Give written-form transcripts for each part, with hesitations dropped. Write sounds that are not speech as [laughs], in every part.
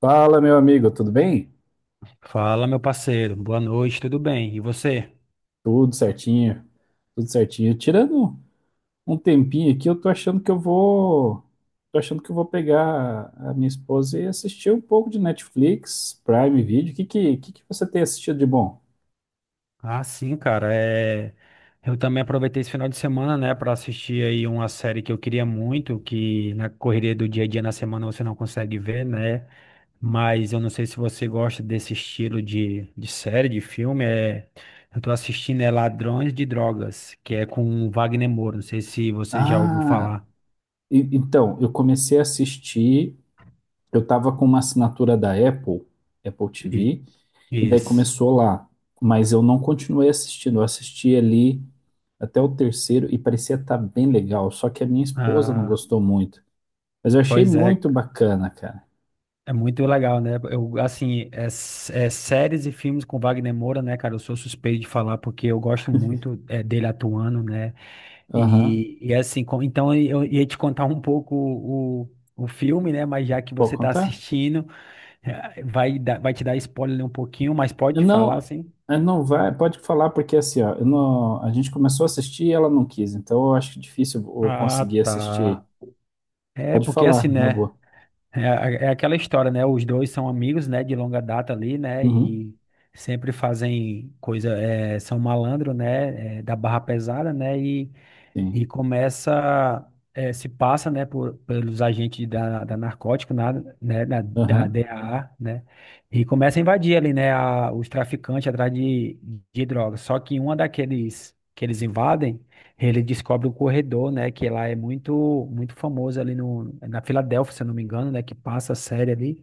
Fala, meu amigo, tudo bem? Fala, meu parceiro. Boa noite, tudo bem? E você? Tudo certinho, tudo certinho. Tirando um tempinho aqui, eu tô achando que eu vou, tô achando que eu vou pegar a minha esposa e assistir um pouco de Netflix, Prime Video. Que você tem assistido de bom? Ah, sim, cara. Eu também aproveitei esse final de semana, né, para assistir aí uma série que eu queria muito, que na correria do dia a dia na semana você não consegue ver, né? Mas eu não sei se você gosta desse estilo de série, de filme. Eu tô assistindo é Ladrões de Drogas, que é com o Wagner Moura. Não sei se você já ouviu Ah, falar. Então, eu comecei a assistir, eu tava com uma assinatura da Apple, Apple E- TV. E daí Isso. começou lá. Mas eu não continuei assistindo. Eu assisti ali até o terceiro e parecia estar bem legal. Só que a minha esposa não Ah, gostou muito. Mas eu achei pois é. muito bacana, cara. É muito legal, né? Eu, assim, séries e filmes com Wagner Moura, né, cara? Eu sou suspeito de falar porque eu gosto muito dele atuando, né? Aham. E assim, então eu ia te contar um pouco o filme, né? Mas já que Pode você tá contar? assistindo, vai te dar spoiler um pouquinho, mas Eu pode falar, não, assim. eu não vai, Pode falar, porque assim, ó, eu não, a gente começou a assistir e ela não quis. Então eu acho difícil eu Ah, conseguir assistir. tá. É, Pode porque assim, falar, na né? boa. É, é aquela história, né? Os dois são amigos, né? De longa data ali, né? Uhum. E sempre fazem coisa, são malandro, né? Da barra pesada, né? E Sim. Se passa, né, pelos agentes da narcótico né, da Aham. DAA, né, e começa a invadir ali, né, os traficantes atrás de drogas. Só que uma daqueles que eles invadem, ele descobre o corredor, né, que lá é muito, muito famoso ali no, na Filadélfia, se eu não me engano, né, que passa a série ali.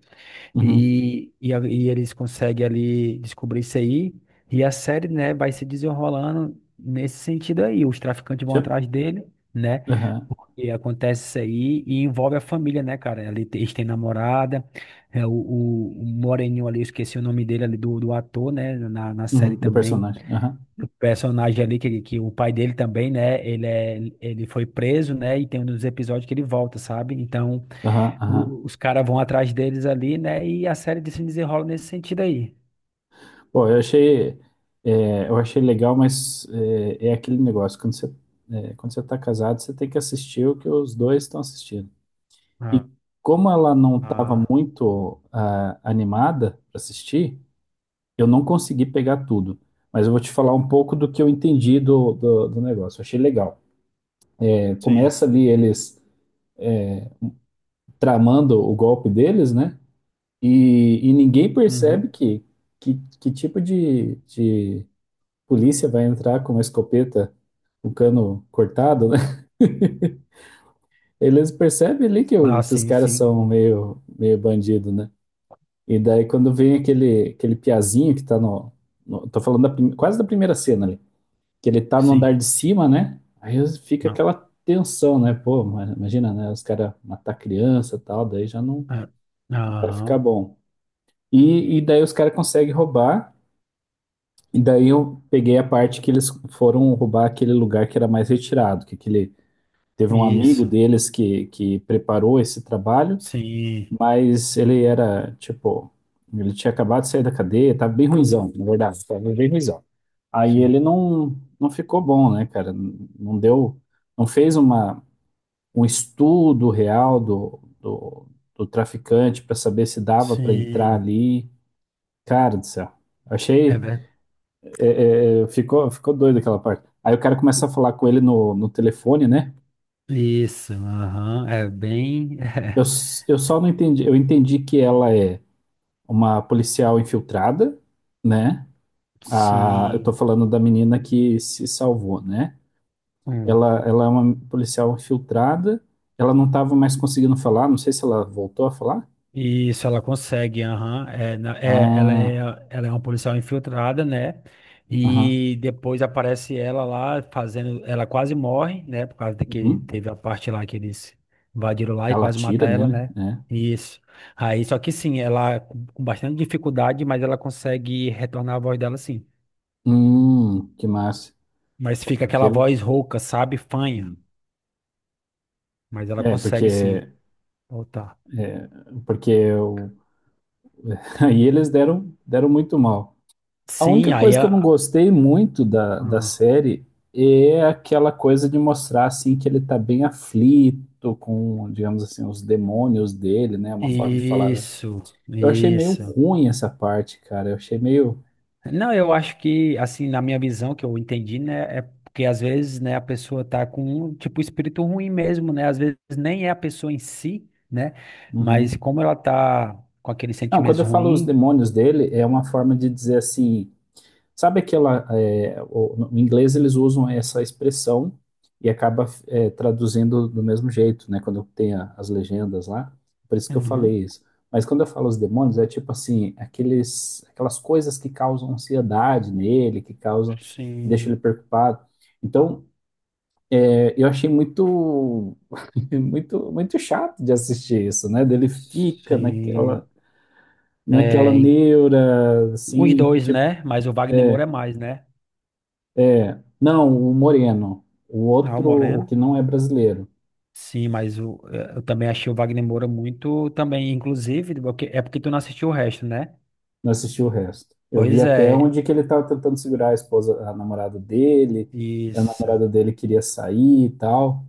Uhum. E eles conseguem ali descobrir isso aí. E a série, né, vai se desenrolando nesse sentido aí. Os traficantes vão Tchau. atrás dele, né? Aham. Porque acontece isso aí e envolve a família, né, cara? Ali eles têm namorada, o Moreninho ali, eu esqueci o nome dele ali, do ator, né? Na Uhum. série Do também. personagem. Aham. O personagem ali, que o pai dele também, né? Ele, ele foi preso, né? E tem um dos episódios que ele volta, sabe? Então Aham. Aham. Os caras vão atrás deles ali, né? E a série de se desenrola nesse sentido aí. Pô, eu achei, é, eu achei legal, mas é aquele negócio, quando você tá casado, você tem que assistir o que os dois estão assistindo. Ah, E como ela não estava ah, muito animada para assistir, eu não consegui pegar tudo. Mas eu vou te falar um pouco do que eu entendi do negócio. Eu achei legal. É, sim. começa ali eles tramando o golpe deles, né? E ninguém Uhum. percebe que, que tipo de polícia vai entrar com uma escopeta, o cano cortado, né? [laughs] Eles percebem ali Ah, que os sim, caras sim. são meio, meio bandido, né? E daí quando vem aquele piazinho que tá Tô falando da quase da primeira cena ali. Que ele tá no Sim. andar de cima, né? Fica Não. aquela tensão, né? Pô, imagina, né? Os caras matar criança e tal, daí já não É. vai ficar Aham. bom. E daí os caras conseguem roubar. E daí eu peguei a parte que eles foram roubar aquele lugar que era mais retirado, que aquele teve um amigo Isso. deles que preparou esse trabalho, Sim. mas ele era, tipo, ele tinha acabado de sair da cadeia, tava bem ruinzão, na verdade, tava bem ruinzão. Aí Sim. ele não ficou bom, né, cara? Não deu, não fez uma, um estudo real do traficante para saber se dava para entrar Sim. ali. Cara do céu, É achei, verdade. Ficou, ficou doido aquela parte. Aí o cara começa a falar com ele no telefone, né? Isso. Aham. É bem. [laughs] Eu só não entendi. Eu entendi que ela é uma policial infiltrada, né? A, eu tô Sim. falando da menina que se salvou, né? Hum. Ela é uma policial infiltrada. Ela não estava mais conseguindo falar. Não sei se ela voltou a falar. Isso, ela consegue, aham. É, ela é, Ah, ela é uma policial infiltrada, né? aham. E depois aparece ela lá fazendo. Ela quase morre, né? Por causa de que Uhum. teve a parte lá que eles invadiram lá e Ela quase atira mataram ela, nele, né? né? Isso. Aí, só que sim, ela com bastante dificuldade, mas ela consegue retornar a voz dela, sim. Que massa. Mas fica Porque aquela ele. voz rouca, sabe? Fanha. Sim. Mas ela É, consegue, sim, porque, voltar. porque eu... [laughs] aí eles deram muito mal. A única Sim, aí coisa que eu não a. gostei muito da Ah, série é aquela coisa de mostrar assim que ele tá bem aflito com, digamos assim, os demônios dele, né? Uma forma de falar, né? isso, Eu achei meio isso. ruim essa parte, cara. Eu achei meio. Não, eu acho que, assim, na minha visão, que eu entendi, né, é porque às vezes, né, a pessoa tá com, um, tipo, espírito ruim mesmo, né, às vezes nem é a pessoa em si, né, mas Uhum. como ela tá com aqueles Não, quando sentimentos eu falo os ruins, demônios dele, é uma forma de dizer assim. Sabe aquela. No inglês eles usam essa expressão e acaba traduzindo do mesmo jeito, né? Quando tem as legendas lá. Por isso que eu uhum, falei isso. Mas quando eu falo os demônios, é tipo assim, aquelas coisas que causam ansiedade nele, deixam sim, ele preocupado. Então, eu achei muito, [laughs] muito, muito chato de assistir isso, né? Sim, Naquela é, em- neura, os assim. dois, né, mas o Wagner Moura é mais, né, Não, o Moreno. O ah, o outro, o Moreno, que não é brasileiro. sim, eu também achei o Wagner Moura muito, também, inclusive, porque tu não assistiu o resto, né, Não assisti o resto. Eu vi pois até é, onde que ele estava tentando segurar a esposa, a namorada dele. A isso. namorada dele queria sair e tal.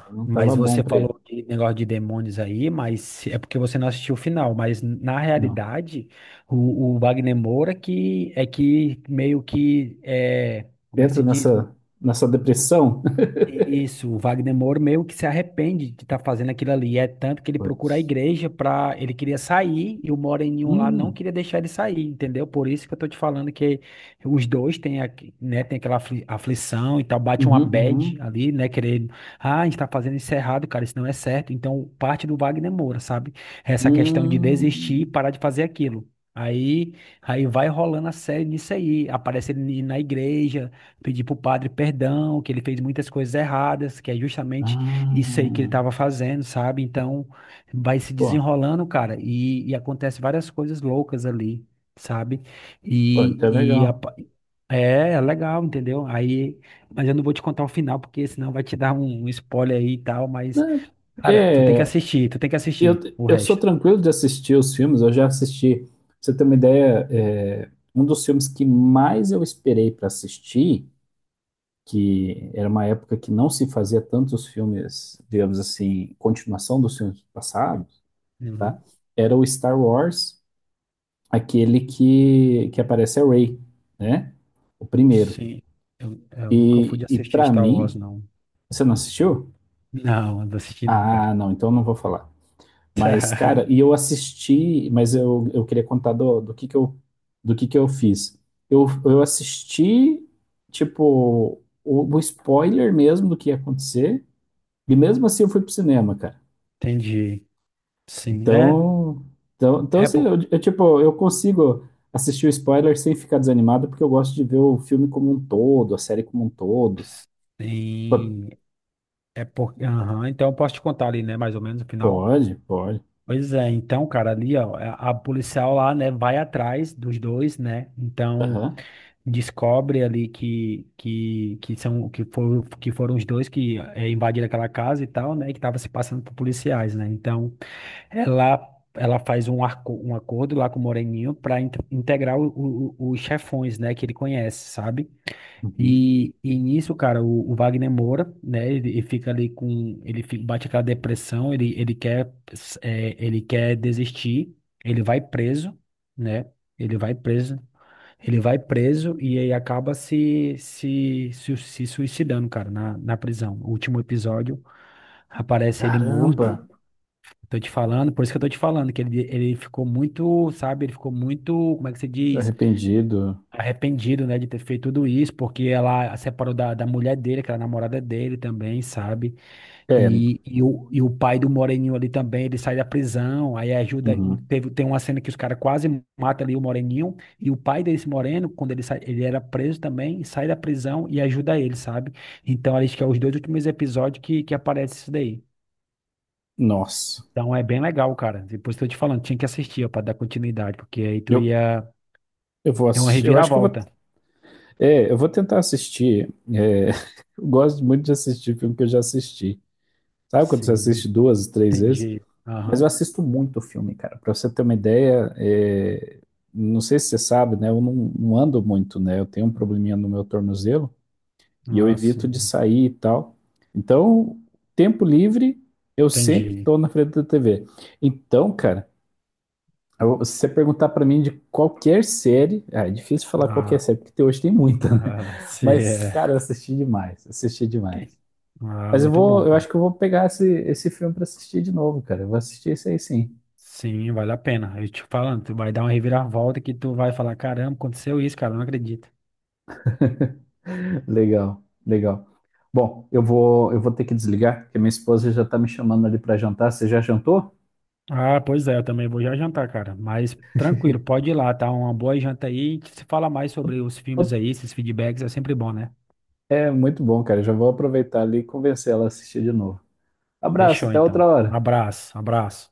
Aí não mas estava bom você para ele. falou de negócio de demônios aí, mas é porque você não assistiu o final. Mas na Não. realidade, o Wagner Moura que meio que é, como é que Entra se diz? nessa, nessa depressão. [laughs] Isso, o Wagner Moura meio que se arrepende de estar fazendo aquilo ali. É tanto que ele procura a Putz. igreja para. Ele queria sair e o Moreninho lá não Hum, queria deixar ele sair, entendeu? Por isso que eu tô te falando que os dois têm, né, tem aquela aflição e tal, bate uma uhum, uhum. bad ali, né? Querendo. Ah, a gente tá fazendo isso errado, cara, isso não é certo. Então, parte do Wagner Moura, sabe? Essa questão de desistir e Hum. parar de fazer aquilo. Aí, aí vai rolando a série nisso aí. Aparece ele na igreja pedir para o padre perdão, que ele fez muitas coisas erradas, que é justamente isso aí que ele Ah, estava fazendo, sabe? Então vai se pô, desenrolando, cara, e acontece várias coisas loucas ali, sabe? pô, então é E, e a legal. pa- é legal, entendeu? Aí, mas eu não vou te contar o final, porque senão vai te dar um spoiler aí e tal, mas, Né? cara, tu tem que É. assistir, tu tem que Eu, assistir o eu sou resto. tranquilo de assistir os filmes, eu já assisti, pra você ter uma ideia, um dos filmes que mais eu esperei para assistir, que era uma época que não se fazia tantos filmes, digamos assim, continuação dos filmes passados, tá? Uhum. Era o Star Wars, aquele que aparece a Rey, né? O primeiro. Sim, eu nunca fui de E assistir para Star Wars, mim, não. você não assistiu? Não, não assisti não, cara. Ah, não, então eu não vou falar. Mas, cara, [laughs] e eu assisti, eu queria contar do que eu fiz. Eu assisti, tipo, o spoiler mesmo do que ia acontecer, e mesmo assim eu fui pro cinema, cara. Entendi. Sim, é, Então, então é assim, por, eu consigo assistir o spoiler sem ficar desanimado, porque eu gosto de ver o filme como um todo, a série como um todo. P- sim, é por, aham, então eu posso te contar ali, né, mais ou menos o final. Pode, pode. Pois é, então, cara, ali, ó, a policial lá, né, vai atrás dos dois, né, então Aham. descobre ali que são, que foram os dois invadiram aquela casa e tal, né, que tava se passando por policiais, né, então ela, ela faz um acordo lá com o Moreninho pra integrar os chefões, né, que ele conhece, sabe? Uhum. E nisso, cara, o Wagner Moura, né, ele fica ali com, ele bate aquela depressão, ele quer, ele quer desistir, ele vai preso, né, ele vai preso, ele vai preso e aí acaba se suicidando, cara, na prisão. O último episódio aparece ele morto, Caramba, tô te falando, por isso que eu tô te falando, que ele ficou muito, sabe, ele ficou muito, como é que se diz? arrependido. Arrependido, né, de ter feito tudo isso, porque ela se separou da mulher dele, que era a namorada dele também, sabe? É, E o pai do Moreninho ali também, ele sai da prisão, aí ajuda, uhum. Tem uma cena que os caras quase matam ali o Moreninho, e o pai desse Moreno, quando ele sai, ele era preso também, sai da prisão e ajuda ele, sabe? Então, acho que é os dois últimos episódios que aparece isso daí. Nossa. Então é bem legal, cara. Depois tô te falando, tinha que assistir, ó, pra dar continuidade, porque aí tu Eu, ia. eu vou É uma assistir. Eu acho que eu vou. reviravolta. É, eu vou tentar assistir. [laughs] Eu gosto muito de assistir filme que eu já assisti. Sabe quando você Sim, assiste duas, três vezes? entendi. Mas eu Aham. assisto muito filme, cara. Pra você ter uma ideia, não sei se você sabe, né? Eu não, não ando muito, né? Eu tenho um probleminha no meu tornozelo e eu Ah, evito de sim. sair e tal. Então, tempo livre, eu sempre Entendi. tô na frente da TV. Então, cara. Se você perguntar pra mim de qualquer série, ah, é difícil falar qualquer Ah, série, porque hoje tem muita, né? [laughs] se Mas, é. cara, eu assisti demais, assisti demais. Tem. Ah, muito bom, Eu acho cara. que eu vou pegar esse filme pra assistir de novo, cara. Eu vou assistir isso aí sim. Sim, vale a pena. Eu te falando, tu vai dar uma reviravolta que tu vai falar, caramba, aconteceu isso, cara, não acredito. Legal, legal. Bom, eu vou ter que desligar, porque minha esposa já tá me chamando ali pra jantar. Você já jantou? Ah, pois é, eu também vou já jantar, cara. Mas tranquilo, pode ir lá, tá? Uma boa janta aí. A gente se fala mais sobre os filmes aí, esses feedbacks é sempre bom, né? É muito bom, cara. Já vou aproveitar ali e convencer ela a assistir de novo. Abraço, Fechou, até outra então. Um hora. abraço, abraço.